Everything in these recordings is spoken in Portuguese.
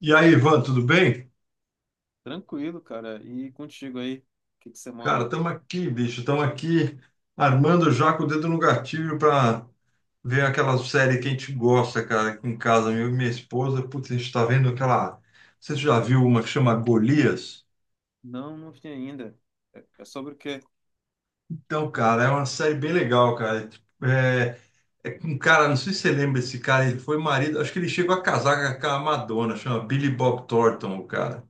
E aí, Ivan, tudo bem? Tranquilo, cara. E contigo aí, o que que você Cara, manda? estamos aqui, bicho, estamos aqui armando já com o dedo no gatilho para ver aquela série que a gente gosta, cara, aqui em casa, eu e minha esposa. Putz, a gente está vendo aquela. Não sei se você já viu uma que chama Golias. Não, não vi ainda. É sobre o quê? Então, cara, é uma série bem legal, cara. É, tipo, é com um cara, não sei se você lembra esse cara, ele foi marido, acho que ele chegou a casar com a Madonna, chama Billy Bob Thornton, o cara.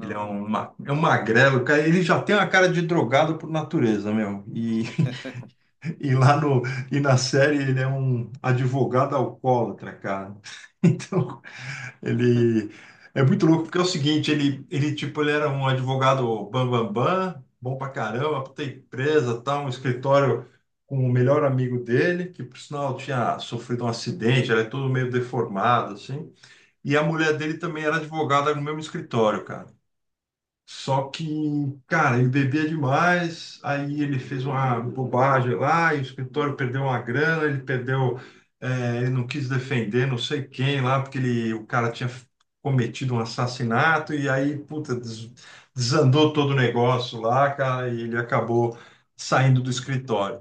Ele é um magrelo, cara. Ele já tem uma cara de drogado por natureza, meu. E E lá no, e na série ele é um advogado alcoólatra, cara. Então, ele é muito louco, porque é o seguinte, ele tipo, ele era um advogado bam, bam, bam, bom pra caramba, puta empresa, tal, um escritório com o melhor amigo dele, que por sinal tinha sofrido um acidente, era todo meio deformado, assim. E a mulher dele também era advogada no mesmo escritório, cara. Só que, cara, ele bebia demais, aí ele fez uma bobagem lá, e o escritório perdeu uma grana, ele não quis defender não sei quem lá, porque o cara tinha cometido um assassinato, e aí, puta, desandou todo o negócio lá, cara, e ele acabou saindo do escritório.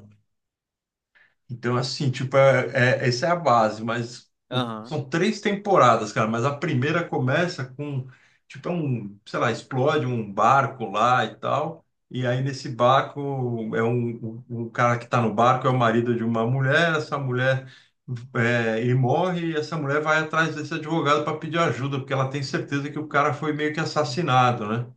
Então, assim, tipo, essa é a base, mas Aham, são três temporadas, cara, mas a primeira começa com, tipo, é um, sei lá, explode um barco lá e tal, e aí nesse barco, o cara que tá no barco é o marido de uma mulher, essa mulher, é, ele morre e essa mulher vai atrás desse advogado para pedir ajuda, porque ela tem certeza que o cara foi meio que assassinado, né?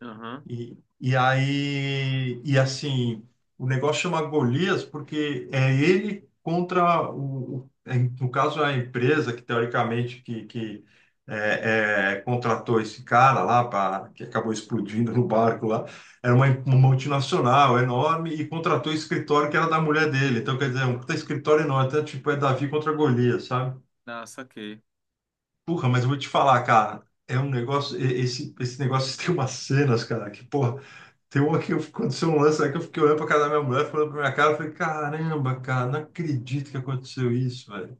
aham. E aí, e assim, o negócio chama Golias porque é ele contra no caso, a empresa que teoricamente contratou esse cara lá, que acabou explodindo no barco lá, era uma multinacional enorme e contratou o escritório que era da mulher dele. Então, quer dizer, é um puta escritório enorme, então, tipo, é Davi contra Golias, sabe? Ah, saquei. Porra, mas eu vou te falar, cara, é um negócio, esse negócio tem umas cenas, cara, que, porra. Tem uma que aconteceu um lance aí que eu fiquei olhando pra cara da minha mulher, falando pra minha cara, eu falei, caramba, cara, não acredito que aconteceu isso, velho.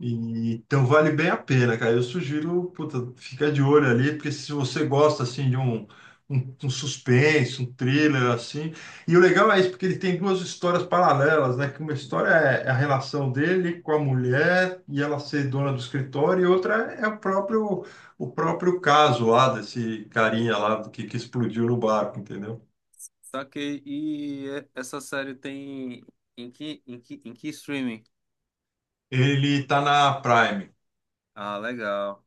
Então vale bem a pena, cara. Eu sugiro, puta, fica de olho ali, porque se você gosta, assim, de um suspense, um thriller, assim. E o legal é isso, porque ele tem duas histórias paralelas, né? Que uma história é a relação dele com a mulher e ela ser dona do escritório, e outra é o próprio caso lá desse carinha lá que explodiu no barco, entendeu? Saquei. E essa série tem em que streaming? Ele tá na Prime. Ah, legal.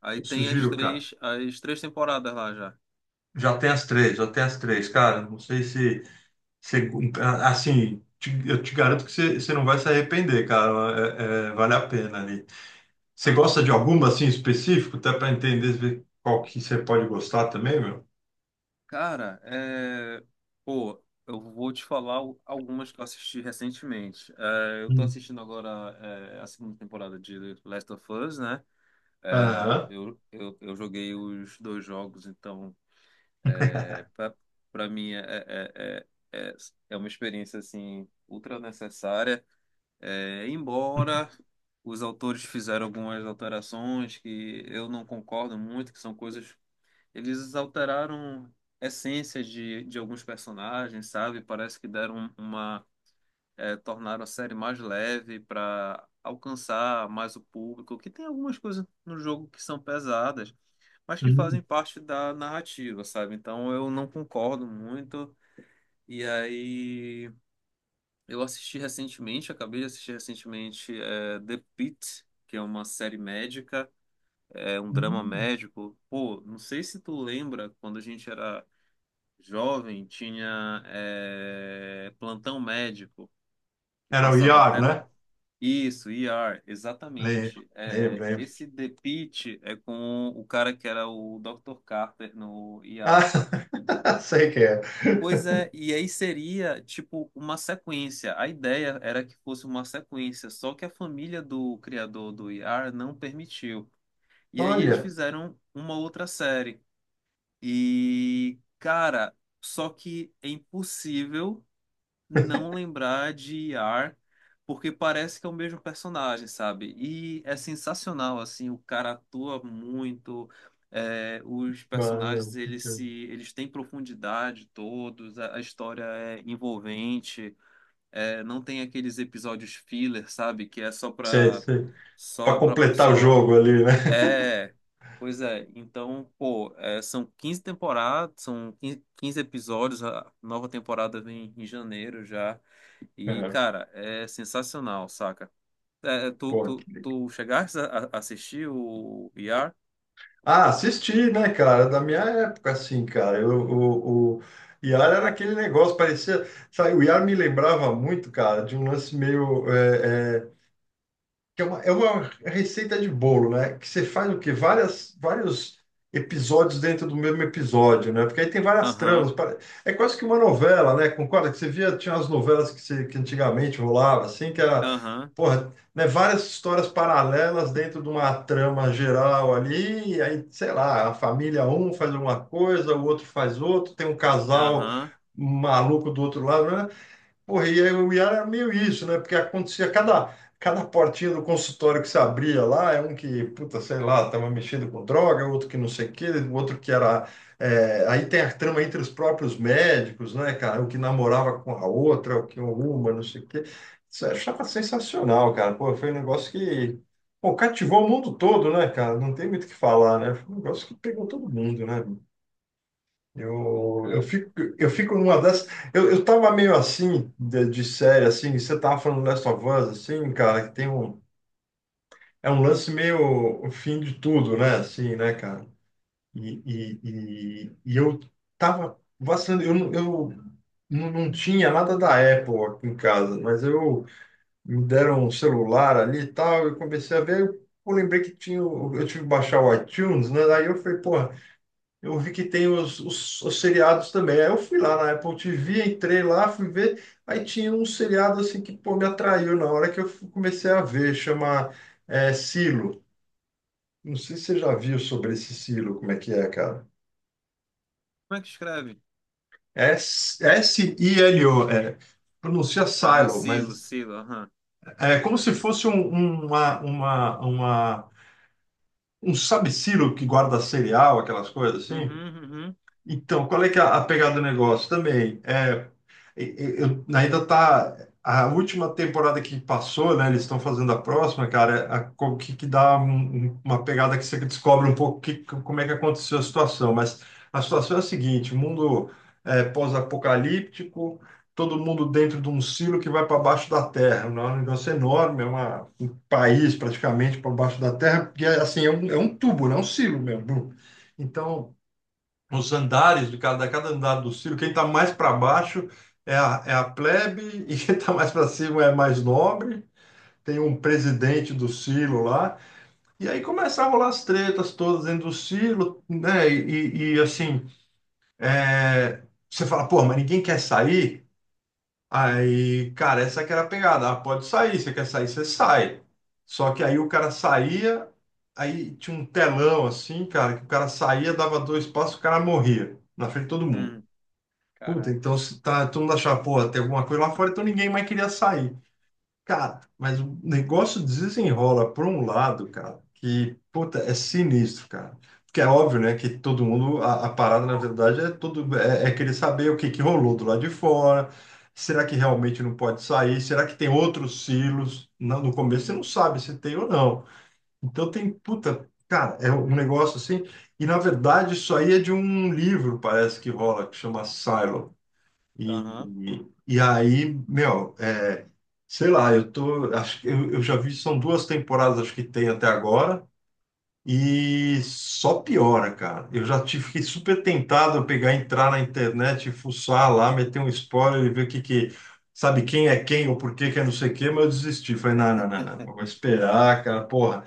Aí Eu tem as sugiro, cara. três, as três temporadas lá já. Já tem as três, já tem as três, cara. Não sei se- assim, eu te garanto que você não vai se arrepender, cara. Vale a pena ali. Você gosta de Aham. alguma assim específico, até para entender ver qual que você pode gostar também, meu? Cara. Pô, eu vou te falar algumas que eu assisti recentemente. Eu tô Hum. assistindo agora a segunda temporada de Last of Us, né? É, Aham. eu, eu, eu joguei os dois jogos, então é, para mim é, é é uma experiência assim ultra necessária. Embora os autores fizeram algumas alterações que eu não concordo muito, que são coisas. Eles alteraram essências de alguns personagens, sabe? Parece que deram uma. Tornaram a série mais leve para alcançar mais o público, que tem algumas coisas no jogo que são pesadas, mas que Hum, fazem parte da narrativa, sabe? Então eu não concordo muito. E aí eu assisti recentemente, acabei de assistir recentemente The Pitt, que é uma série médica, é um drama hum. médico. Pô, não sei se tu lembra quando a gente era jovem, tinha plantão médico que Era o passava Iar, até né? isso, ER, Lembro, exatamente. lembro, lembro. Esse The Pitt é com o cara que era o Dr. Carter no Ah, ER. sei que é. Pois é, e aí seria tipo uma sequência. A ideia era que fosse uma sequência, só que a família do criador do IAR não permitiu. E aí eles Olha, fizeram uma outra série. E, cara, só que é impossível não lembrar de Iar, porque parece que é o mesmo personagem, sabe? E é sensacional, assim, o cara atua muito. Os personagens, mano, eles se, eles têm profundidade todos. A história é envolvente. Não tem aqueles episódios filler, sabe? Que é só sei, pra, sei. Para completar o só jogo ali, né? é, pois é. Então, pô, são 15 15 episódios, a nova temporada vem em janeiro já. E, É, cara, é sensacional, saca? É, tu, pô, tu, que legal. tu chegaste a assistir o ER? Ah, assisti, né, cara? Da minha época, assim, cara. O Iar era aquele negócio, parecia. Sabe, o Iar me lembrava muito, cara, de um lance meio, que é uma receita de bolo, né? Que você faz o quê? Vários episódios dentro do mesmo episódio, né? Porque aí tem várias tramas. Aham, É quase que uma novela, né? Concorda que você via, tinha as novelas que antigamente rolava, assim, que era, aham, porra, né? Várias histórias paralelas dentro de uma trama geral ali, e aí, sei lá, a família um faz uma coisa, o outro faz outro, tem um casal aham. maluco do outro lado, né? Porra, e aí o IAR era meio isso, né? Porque acontecia cada portinha do consultório que se abria lá, é um que, puta, sei lá, estava mexendo com droga, outro que não sei o quê, outro que era. Aí tem a trama entre os próprios médicos, né, cara? O que namorava com a outra, o que uma, não sei o quê. Isso eu achava sensacional, cara. Pô, foi um negócio que. Pô, cativou o mundo todo, né, cara? Não tem muito o que falar, né? Foi um negócio que pegou todo mundo, né? Sim, Eu cara. fico, eu fico numa dessas. Eu tava meio assim, de série, assim, você tava falando Last of Us, assim, cara, que tem um. É um lance meio o fim de tudo, né? Assim, né, cara? E eu tava vacilando, eu não tinha nada da Apple aqui em casa, mas eu me deram um celular ali e tal, eu comecei a ver, eu lembrei que tinha, eu tive que baixar o iTunes, né? Daí eu falei, pô. Eu vi que tem os seriados também. Aí eu fui lá na Apple TV, entrei lá, fui ver. Aí tinha um seriado assim que pô, me atraiu na hora que comecei a ver, chama Silo. Não sei se você já viu sobre esse Silo, como é que é, cara. Como é que escreve? É S- S-I-L-O, é, pronuncia Ah, Silo, Silo, mas Silo, aham. é como se fosse um sabe-silo que guarda cereal, aquelas coisas assim. Uhum, uhum, Então, qual é que é a pegada do negócio também? É, eu, ainda tá a última temporada que passou, né? Eles estão fazendo a próxima, cara. Que dá uma pegada que você descobre um pouco que, como é que aconteceu a situação. Mas a situação é a seguinte: mundo é, pós-apocalíptico, todo mundo dentro de um silo que vai para baixo da terra. Né, é um negócio enorme, é um país praticamente para baixo da terra. E é, assim, é um tubo, né? Um silo mesmo. Então os andares de cada andar do Ciro, quem está mais para baixo é a plebe e quem está mais para cima é mais nobre. Tem um presidente do Ciro lá. E aí começavam lá as tretas todas dentro do Ciro, né? E assim, é, você fala, pô, mas ninguém quer sair? Aí, cara, essa que era a pegada. Ah, pode sair, você quer sair, você sai. Só que aí o cara saía, aí tinha um telão assim, cara, que o cara saía, dava dois passos, o cara morria na frente de todo mundo. uhum. Puta, Caraca. então se tá, todo mundo achava, porra, tem alguma coisa lá fora, então ninguém mais queria sair. Cara, mas o negócio desenrola por um lado, cara, que, puta, é sinistro, cara. Porque é óbvio, né, que todo mundo, a parada, na verdade, é querer saber o que que rolou do lado de fora, será que realmente não pode sair, será que tem outros silos? Não, no começo você não Uhum. sabe se tem ou não. Então tem, puta, cara, é um negócio assim, e na verdade isso aí é de um livro, parece que rola, que chama Silo Aham. e aí, meu, é, sei lá, eu tô, acho que eu já vi, são duas temporadas, acho que tem até agora, e só piora, cara. Eu já tive, fiquei super tentado a pegar, entrar na internet, fuçar lá, meter um spoiler e ver o que que, sabe quem é quem ou por que que é não sei o quê, mas eu desisti. Falei, não, não, não, não, eu vou esperar, cara, porra.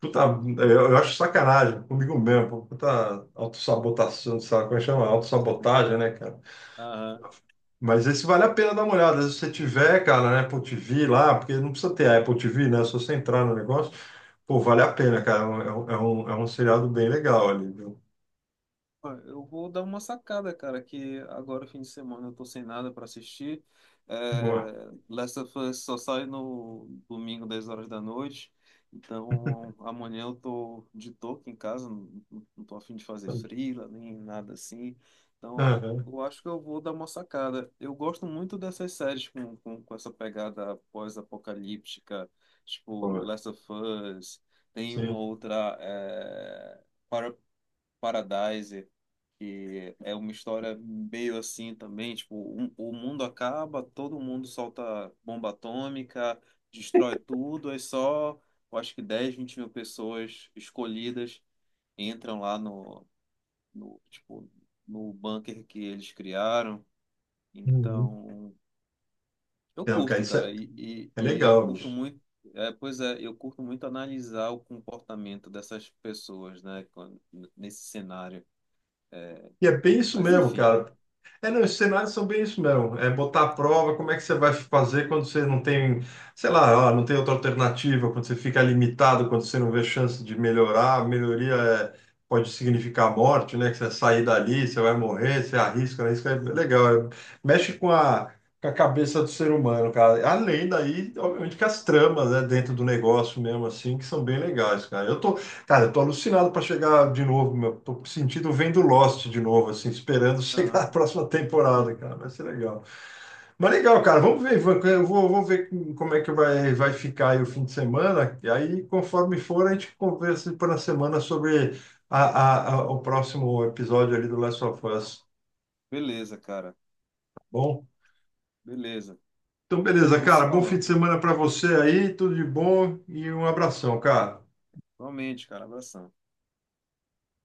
Puta, eu acho sacanagem comigo mesmo, puta autossabotação, sabe como é que chama? Autossabotagem, né, cara? Aham. Mas esse vale a pena dar uma olhada. Se você tiver, cara, na Apple TV lá, porque não precisa ter a Apple TV, né? É só você entrar no negócio, pô, vale a pena, cara. É um seriado bem legal ali, viu? Ah, eu vou dar uma sacada, cara, que agora, fim de semana, eu tô sem nada pra assistir. Boa. É, Last of Us só sai no domingo, 10 horas da noite. Então, amanhã eu tô de toque em casa, não, não tô a fim de fazer freela, nem nada assim. Então, Aham, eu acho que eu vou dar uma sacada. Eu gosto muito dessas séries com essa pegada pós-apocalíptica, tipo boa. Last of Us. Tem uma Sim. outra, Para- Paradise, que é uma história meio assim também, tipo, o mundo acaba, todo mundo solta bomba atômica, destrói tudo, é só, eu acho que 10 20 mil pessoas escolhidas entram lá no, no, tipo, no bunker que eles criaram. Uhum. Então, eu Não, cara, curto, isso cara, é, e, é e, e eu legal, curto bicho. muito. Pois é, eu curto muito analisar o comportamento dessas pessoas, né, nesse cenário. E é bem isso Mas mesmo, enfim. cara. É, não, os cenários são bem isso mesmo. É botar à prova como é que você vai fazer quando você não tem, sei lá, ah, não tem outra alternativa, quando você fica limitado, quando você não vê chance de melhorar. A melhoria é, pode significar a morte, né? Que você sair dali, você vai morrer, você arrisca, arrisca. É legal. É, mexe com a cabeça do ser humano, cara. Além daí, obviamente, que as tramas, né, dentro do negócio mesmo, assim, que são bem legais, cara. Cara, eu tô alucinado para chegar de novo, meu. Tô sentindo vendo Lost de novo, assim, esperando chegar a Aham. próxima Hum, temporada, cara. Vai ser legal. Mas legal, cara. Vamos ver, Ivan. Eu vou ver como é que vai ficar aí o fim de semana. E aí, conforme for, a gente conversa para a semana sobre o próximo episódio ali do Last of Us. Beleza, cara. Bom? Beleza. Então, beleza, Vamos se cara. Bom fim de falando. semana para você aí. Tudo de bom e um abração, cara. Realmente, cara. Abração.